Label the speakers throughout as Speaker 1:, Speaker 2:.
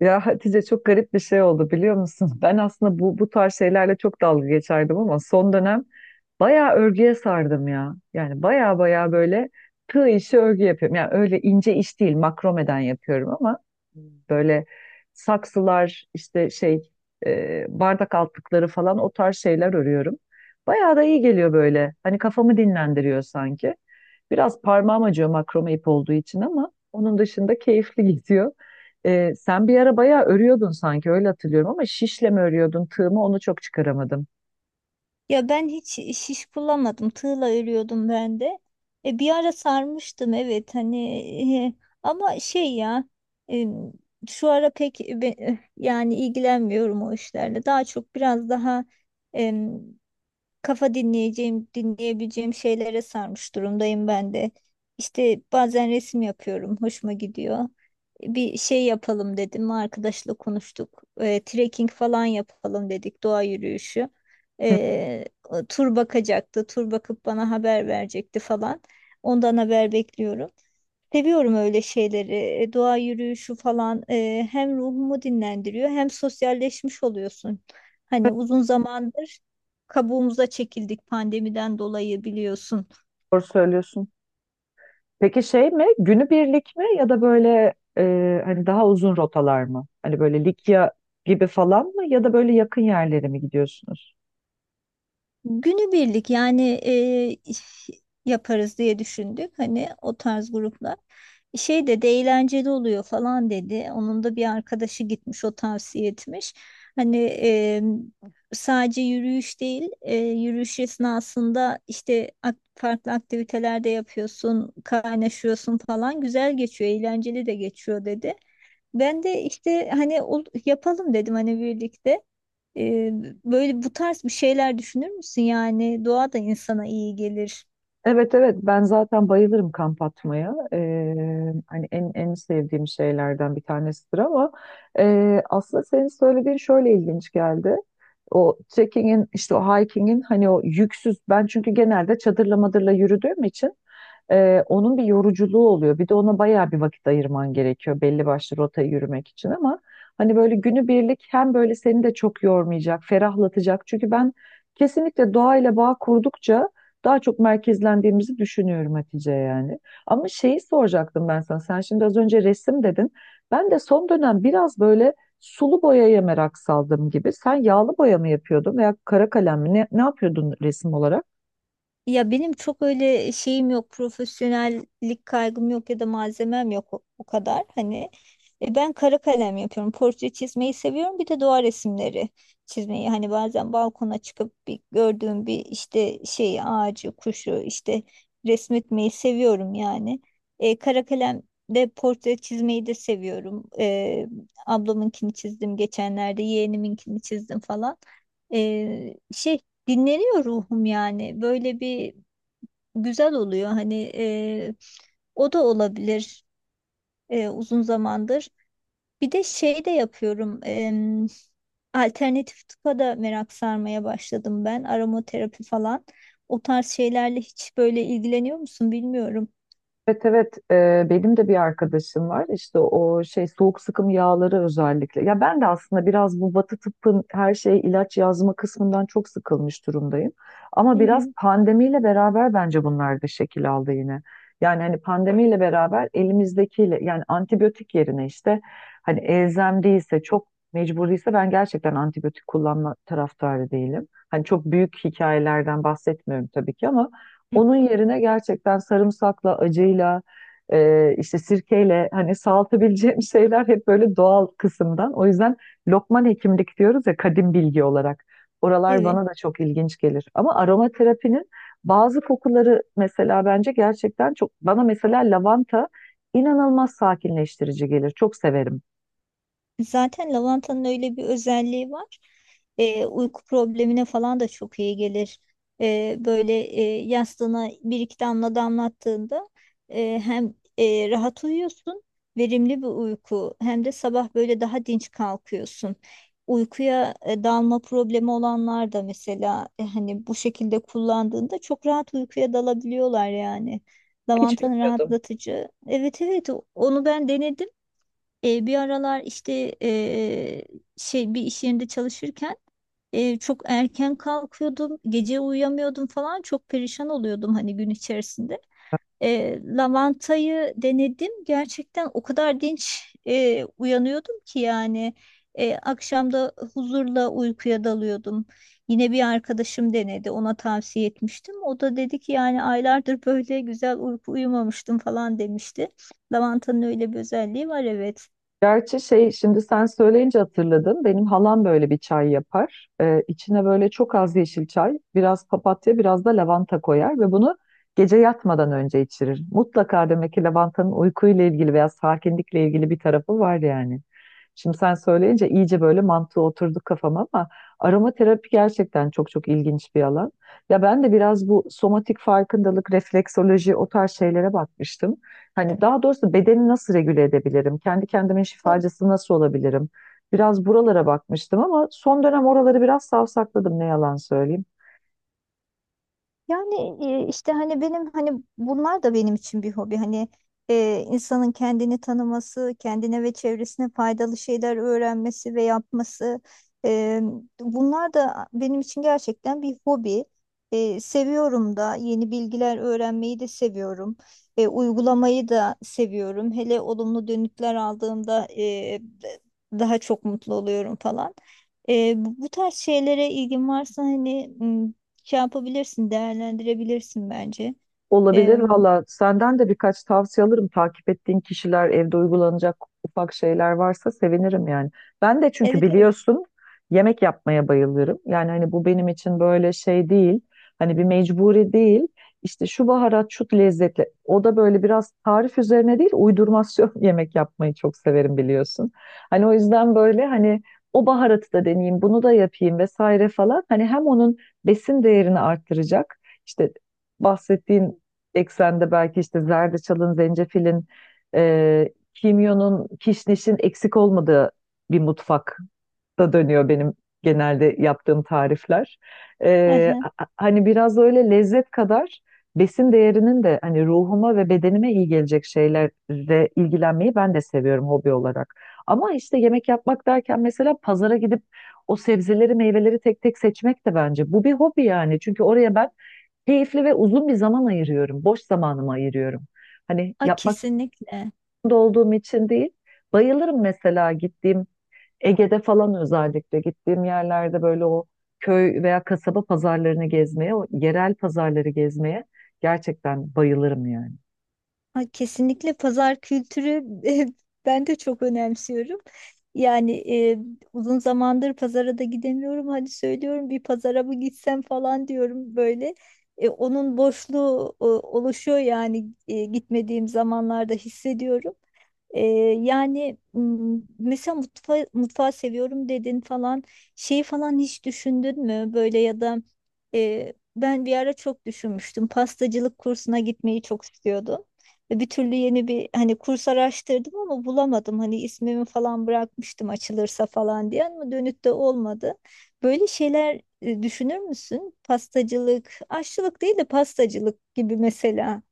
Speaker 1: Ya Hatice, çok garip bir şey oldu biliyor musun? Ben aslında bu tarz şeylerle çok dalga geçerdim ama son dönem bayağı örgüye sardım ya. Yani bayağı bayağı böyle tığ işi örgü yapıyorum. Yani öyle ince iş değil, makromeden yapıyorum ama böyle saksılar işte bardak altlıkları falan o tarz şeyler örüyorum. Bayağı da iyi geliyor böyle. Hani kafamı dinlendiriyor sanki. Biraz parmağım acıyor makrome ip olduğu için ama onun dışında keyifli gidiyor. Sen bir ara bayağı örüyordun sanki, öyle hatırlıyorum ama şişle mi örüyordun tığ mı onu çok çıkaramadım.
Speaker 2: Ya ben hiç şiş kullanmadım. Tığla örüyordum ben de. Bir ara sarmıştım, evet, e, ama e, şu ara pek yani ilgilenmiyorum o işlerle. Daha çok biraz daha kafa dinleyeceğim, dinleyebileceğim şeylere sarmış durumdayım ben de. İşte bazen resim yapıyorum, hoşuma gidiyor. Bir şey yapalım dedim, arkadaşla konuştuk. Trekking falan yapalım dedik, doğa yürüyüşü.
Speaker 1: Hı.
Speaker 2: O tur bakacaktı, tur bakıp bana haber verecekti falan. Ondan haber bekliyorum. Seviyorum öyle şeyleri. Doğa yürüyüşü falan, hem ruhumu dinlendiriyor hem sosyalleşmiş oluyorsun. Hani uzun zamandır kabuğumuza çekildik pandemiden dolayı, biliyorsun.
Speaker 1: Doğru söylüyorsun. Peki şey mi, günübirlik mi ya da böyle hani daha uzun rotalar mı? Hani böyle Likya gibi falan mı ya da böyle yakın yerlere mi gidiyorsunuz?
Speaker 2: Günübirlik yani, yaparız diye düşündük. Hani o tarz gruplar. Şey de eğlenceli oluyor falan dedi. Onun da bir arkadaşı gitmiş, o tavsiye etmiş. Hani e, sadece yürüyüş değil, yürüyüş esnasında işte farklı aktiviteler de yapıyorsun, kaynaşıyorsun falan. Güzel geçiyor, eğlenceli de geçiyor dedi. Ben de işte hani yapalım dedim, hani birlikte. Ee, Böyle bu tarz bir şeyler düşünür müsün? Yani doğa da insana iyi gelir.
Speaker 1: Evet, evet, ben zaten bayılırım kamp atmaya. Hani en sevdiğim şeylerden bir tanesidir ama aslında senin söylediğin şöyle ilginç geldi. O trekkingin işte o hikingin hani o yüksüz, ben çünkü genelde çadırla madırla yürüdüğüm için onun bir yoruculuğu oluyor. Bir de ona bayağı bir vakit ayırman gerekiyor belli başlı rotayı yürümek için, ama hani böyle günübirlik hem böyle seni de çok yormayacak, ferahlatacak. Çünkü ben kesinlikle doğayla bağ kurdukça daha çok merkezlendiğimizi düşünüyorum Hatice, yani. Ama şeyi soracaktım ben sana. Sen şimdi az önce resim dedin. Ben de son dönem biraz böyle sulu boyaya merak saldım gibi. Sen yağlı boya mı yapıyordun veya kara kalem mi? Ne yapıyordun resim olarak?
Speaker 2: Ya benim çok öyle şeyim yok, profesyonellik kaygım yok ya da malzemem yok o kadar. Hani ben kara kalem yapıyorum. Portre çizmeyi seviyorum. Bir de doğa resimleri çizmeyi. Hani bazen balkona çıkıp bir gördüğüm bir işte şey ağacı, kuşu işte resmetmeyi seviyorum yani. Kara kalem de portre çizmeyi de seviyorum. Ablamınkini çizdim geçenlerde, yeğeniminkini çizdim falan. Şey dinleniyor ruhum yani. Böyle bir güzel oluyor. Hani o da olabilir, uzun zamandır. Bir de şey de yapıyorum. Alternatif tıpa da merak sarmaya başladım ben. Aromaterapi falan. O tarz şeylerle hiç böyle ilgileniyor musun bilmiyorum.
Speaker 1: Evet, evet. Benim de bir arkadaşım var işte o şey, soğuk sıkım yağları özellikle, ya ben de aslında biraz bu Batı tıbbın her şey ilaç yazma kısmından çok sıkılmış durumdayım, ama
Speaker 2: Hı
Speaker 1: biraz
Speaker 2: hı.
Speaker 1: pandemiyle beraber bence bunlar da şekil aldı yine. Yani hani pandemiyle beraber elimizdekiyle, yani antibiyotik yerine işte hani elzem değilse, çok mecburiyse, ben gerçekten antibiyotik kullanma taraftarı değilim. Hani çok büyük hikayelerden bahsetmiyorum tabii ki, ama onun yerine gerçekten sarımsakla, acıyla, işte sirkeyle, hani salatabileceğim şeyler, hep böyle doğal kısımdan. O yüzden Lokman hekimlik diyoruz ya, kadim bilgi olarak. Oralar
Speaker 2: Evet.
Speaker 1: bana da çok ilginç gelir. Ama aromaterapinin bazı kokuları mesela bence gerçekten çok, bana mesela lavanta inanılmaz sakinleştirici gelir. Çok severim.
Speaker 2: Zaten lavantanın öyle bir özelliği var. Uyku problemine falan da çok iyi gelir. Böyle, yastığına bir iki damla damlattığında, hem rahat uyuyorsun, verimli bir uyku, hem de sabah böyle daha dinç kalkıyorsun. Uykuya dalma problemi olanlar da mesela, hani bu şekilde kullandığında çok rahat uykuya dalabiliyorlar yani.
Speaker 1: Hiç
Speaker 2: Lavantanın
Speaker 1: bilmiyordum.
Speaker 2: rahatlatıcı. Evet, evet, onu ben denedim. Bir aralar işte, şey, bir iş yerinde çalışırken çok erken kalkıyordum, gece uyuyamıyordum falan, çok perişan oluyordum hani gün içerisinde. Lavantayı denedim, gerçekten o kadar dinç uyanıyordum ki yani, akşamda huzurla uykuya dalıyordum. Yine bir arkadaşım denedi, ona tavsiye etmiştim. O da dedi ki yani aylardır böyle güzel uyku uyumamıştım falan demişti. Lavantanın öyle bir özelliği var, evet.
Speaker 1: Gerçi şey, şimdi sen söyleyince hatırladım. Benim halam böyle bir çay yapar. İçine böyle çok az yeşil çay, biraz papatya, biraz da lavanta koyar ve bunu gece yatmadan önce içirir. Mutlaka demek ki lavantanın uykuyla ilgili veya sakinlikle ilgili bir tarafı var yani. Şimdi sen söyleyince iyice böyle mantığı oturdu kafama, ama aromaterapi gerçekten çok ilginç bir alan. Ya ben de biraz bu somatik farkındalık, refleksoloji, o tarz şeylere bakmıştım. Hani daha doğrusu bedeni nasıl regüle edebilirim? Kendi kendimin şifacısı nasıl olabilirim? Biraz buralara bakmıştım ama son dönem oraları biraz savsakladım, ne yalan söyleyeyim.
Speaker 2: Yani işte hani benim, bunlar da benim için bir hobi. Hani insanın kendini tanıması, kendine ve çevresine faydalı şeyler öğrenmesi ve yapması. e, Bunlar da benim için gerçekten bir hobi. Seviyorum da, yeni bilgiler öğrenmeyi de seviyorum. Uygulamayı da seviyorum. Hele olumlu dönütler aldığımda, daha çok mutlu oluyorum falan. Bu tarz şeylere ilgin varsa hani şey yapabilirsin, değerlendirebilirsin bence.
Speaker 1: Olabilir
Speaker 2: Ee,
Speaker 1: valla. Senden de birkaç tavsiye alırım. Takip ettiğin kişiler, evde uygulanacak ufak şeyler varsa sevinirim yani. Ben de çünkü
Speaker 2: evet, evet.
Speaker 1: biliyorsun yemek yapmaya bayılırım. Yani hani bu benim için böyle şey değil. Hani bir mecburi değil. İşte şu baharat, şu lezzetle. O da böyle biraz tarif üzerine değil, uydurmasyon yemek yapmayı çok severim biliyorsun. Hani o yüzden böyle hani o baharatı da deneyeyim, bunu da yapayım vesaire falan. Hani hem onun besin değerini arttıracak. İşte bahsettiğin eksende belki işte zerdeçalın, zencefilin, kimyonun, kişnişin eksik olmadığı bir mutfakta dönüyor benim genelde yaptığım tarifler.
Speaker 2: Aha.
Speaker 1: Hani biraz da öyle lezzet kadar besin değerinin de hani ruhuma ve bedenime iyi gelecek şeylerle ilgilenmeyi ben de seviyorum, hobi olarak. Ama işte yemek yapmak derken mesela pazara gidip o sebzeleri, meyveleri tek tek seçmek de bence bu bir hobi yani. Çünkü oraya ben keyifli ve uzun bir zaman ayırıyorum. Boş zamanımı ayırıyorum. Hani
Speaker 2: A,
Speaker 1: yapmak
Speaker 2: kesinlikle.
Speaker 1: zorunda olduğum için değil. Bayılırım mesela, gittiğim Ege'de falan özellikle gittiğim yerlerde böyle o köy veya kasaba pazarlarını gezmeye, o yerel pazarları gezmeye gerçekten bayılırım yani.
Speaker 2: A, kesinlikle pazar kültürü ben de çok önemsiyorum. Yani uzun zamandır pazara da gidemiyorum. Hadi söylüyorum, bir pazara mı gitsem falan diyorum böyle. Onun boşluğu oluşuyor yani, gitmediğim zamanlarda hissediyorum. Ee, Yani mesela mutfağı seviyorum dedin falan, şeyi falan hiç düşündün mü böyle? Ya da ben bir ara çok düşünmüştüm, pastacılık kursuna gitmeyi çok istiyordum ve bir türlü yeni bir hani kurs araştırdım ama bulamadım, hani ismimi falan bırakmıştım açılırsa falan diye ama dönüt de olmadı. Böyle şeyler, düşünür müsün? Pastacılık, aşçılık değil de pastacılık gibi mesela.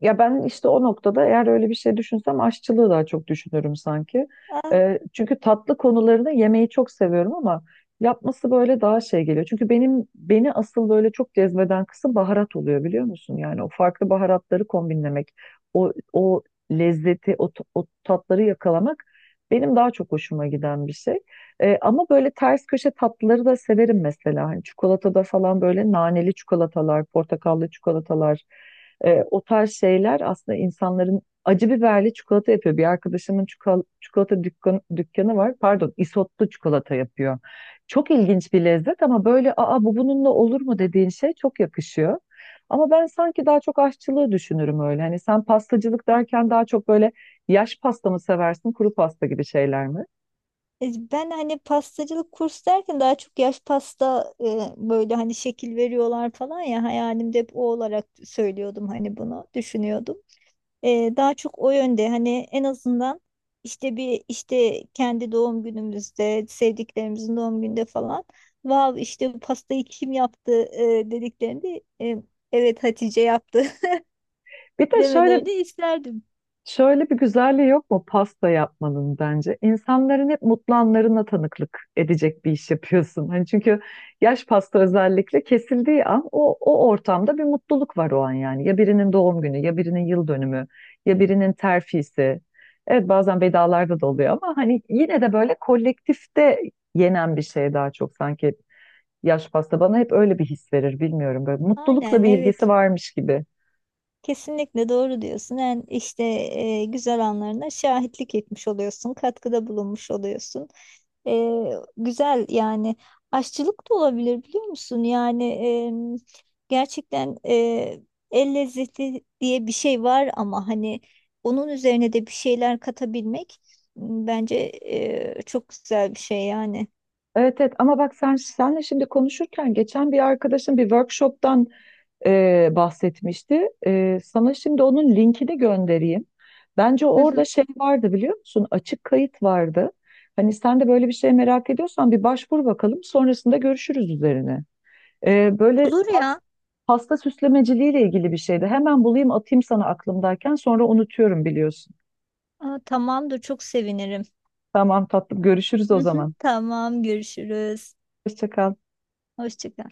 Speaker 1: Ya ben işte o noktada eğer öyle bir şey düşünsem aşçılığı daha çok düşünürüm sanki. Çünkü tatlı konularını yemeyi çok seviyorum ama yapması böyle daha şey geliyor. Çünkü benim, beni asıl böyle çok cezbeden kısım baharat oluyor biliyor musun? Yani o farklı baharatları kombinlemek, o lezzeti, o tatları yakalamak benim daha çok hoşuma giden bir şey. Ama böyle ters köşe tatlıları da severim mesela. Hani çikolatada falan böyle naneli çikolatalar, portakallı çikolatalar. E, o tarz şeyler aslında, insanların acı biberli çikolata yapıyor. Bir arkadaşımın dükkanı var. Pardon, isotlu çikolata yapıyor. Çok ilginç bir lezzet ama böyle aa, bu bununla olur mu dediğin şey çok yakışıyor. Ama ben sanki daha çok aşçılığı düşünürüm öyle. Hani sen pastacılık derken daha çok böyle yaş pasta mı seversin, kuru pasta gibi şeyler mi?
Speaker 2: Ben hani pastacılık kursu derken daha çok yaş pasta, böyle hani şekil veriyorlar falan ya, hayalimde hep o olarak söylüyordum, hani bunu düşünüyordum. Daha çok o yönde, hani en azından işte bir işte kendi doğum günümüzde, sevdiklerimizin doğum günde falan, vav işte bu pastayı kim yaptı, dediklerinde, evet Hatice yaptı
Speaker 1: Bir de şöyle
Speaker 2: demelerini isterdim.
Speaker 1: Şöyle bir güzelliği yok mu pasta yapmanın, bence? İnsanların hep mutlu anlarına tanıklık edecek bir iş yapıyorsun. Hani çünkü yaş pasta özellikle kesildiği an o ortamda bir mutluluk var o an yani. Ya birinin doğum günü, ya birinin yıl dönümü, ya birinin terfisi. Evet, bazen vedalarda da oluyor ama hani yine de böyle kolektifte yenen bir şey daha çok sanki yaş pasta. Bana hep öyle bir his verir, bilmiyorum, böyle mutlulukla
Speaker 2: Aynen
Speaker 1: bir ilgisi
Speaker 2: evet.
Speaker 1: varmış gibi.
Speaker 2: Kesinlikle doğru diyorsun. Yani işte, güzel anlarına şahitlik etmiş oluyorsun, katkıda bulunmuş oluyorsun. E, Güzel yani. Aşçılık da olabilir, biliyor musun? Yani gerçekten el lezzeti diye bir şey var ama hani onun üzerine de bir şeyler katabilmek, bence çok güzel bir şey yani.
Speaker 1: Evet, evet, ama bak sen, senle şimdi konuşurken geçen bir arkadaşım bir workshop'tan bahsetmişti. E, sana şimdi onun linkini göndereyim. Bence
Speaker 2: Hı
Speaker 1: orada
Speaker 2: hı.
Speaker 1: şey vardı, biliyor musun? Açık kayıt vardı. Hani sen de böyle bir şey merak ediyorsan bir başvur bakalım. Sonrasında görüşürüz üzerine. E, böyle
Speaker 2: Olur
Speaker 1: pas,
Speaker 2: ya.
Speaker 1: pasta süslemeciliğiyle ilgili bir şeydi. Hemen bulayım atayım sana aklımdayken, sonra unutuyorum biliyorsun.
Speaker 2: Aa, tamamdır, çok sevinirim.
Speaker 1: Tamam tatlım, görüşürüz
Speaker 2: Hı
Speaker 1: o
Speaker 2: hı.
Speaker 1: zaman.
Speaker 2: Tamam, görüşürüz.
Speaker 1: Hoşça kal.
Speaker 2: Hoşça kal.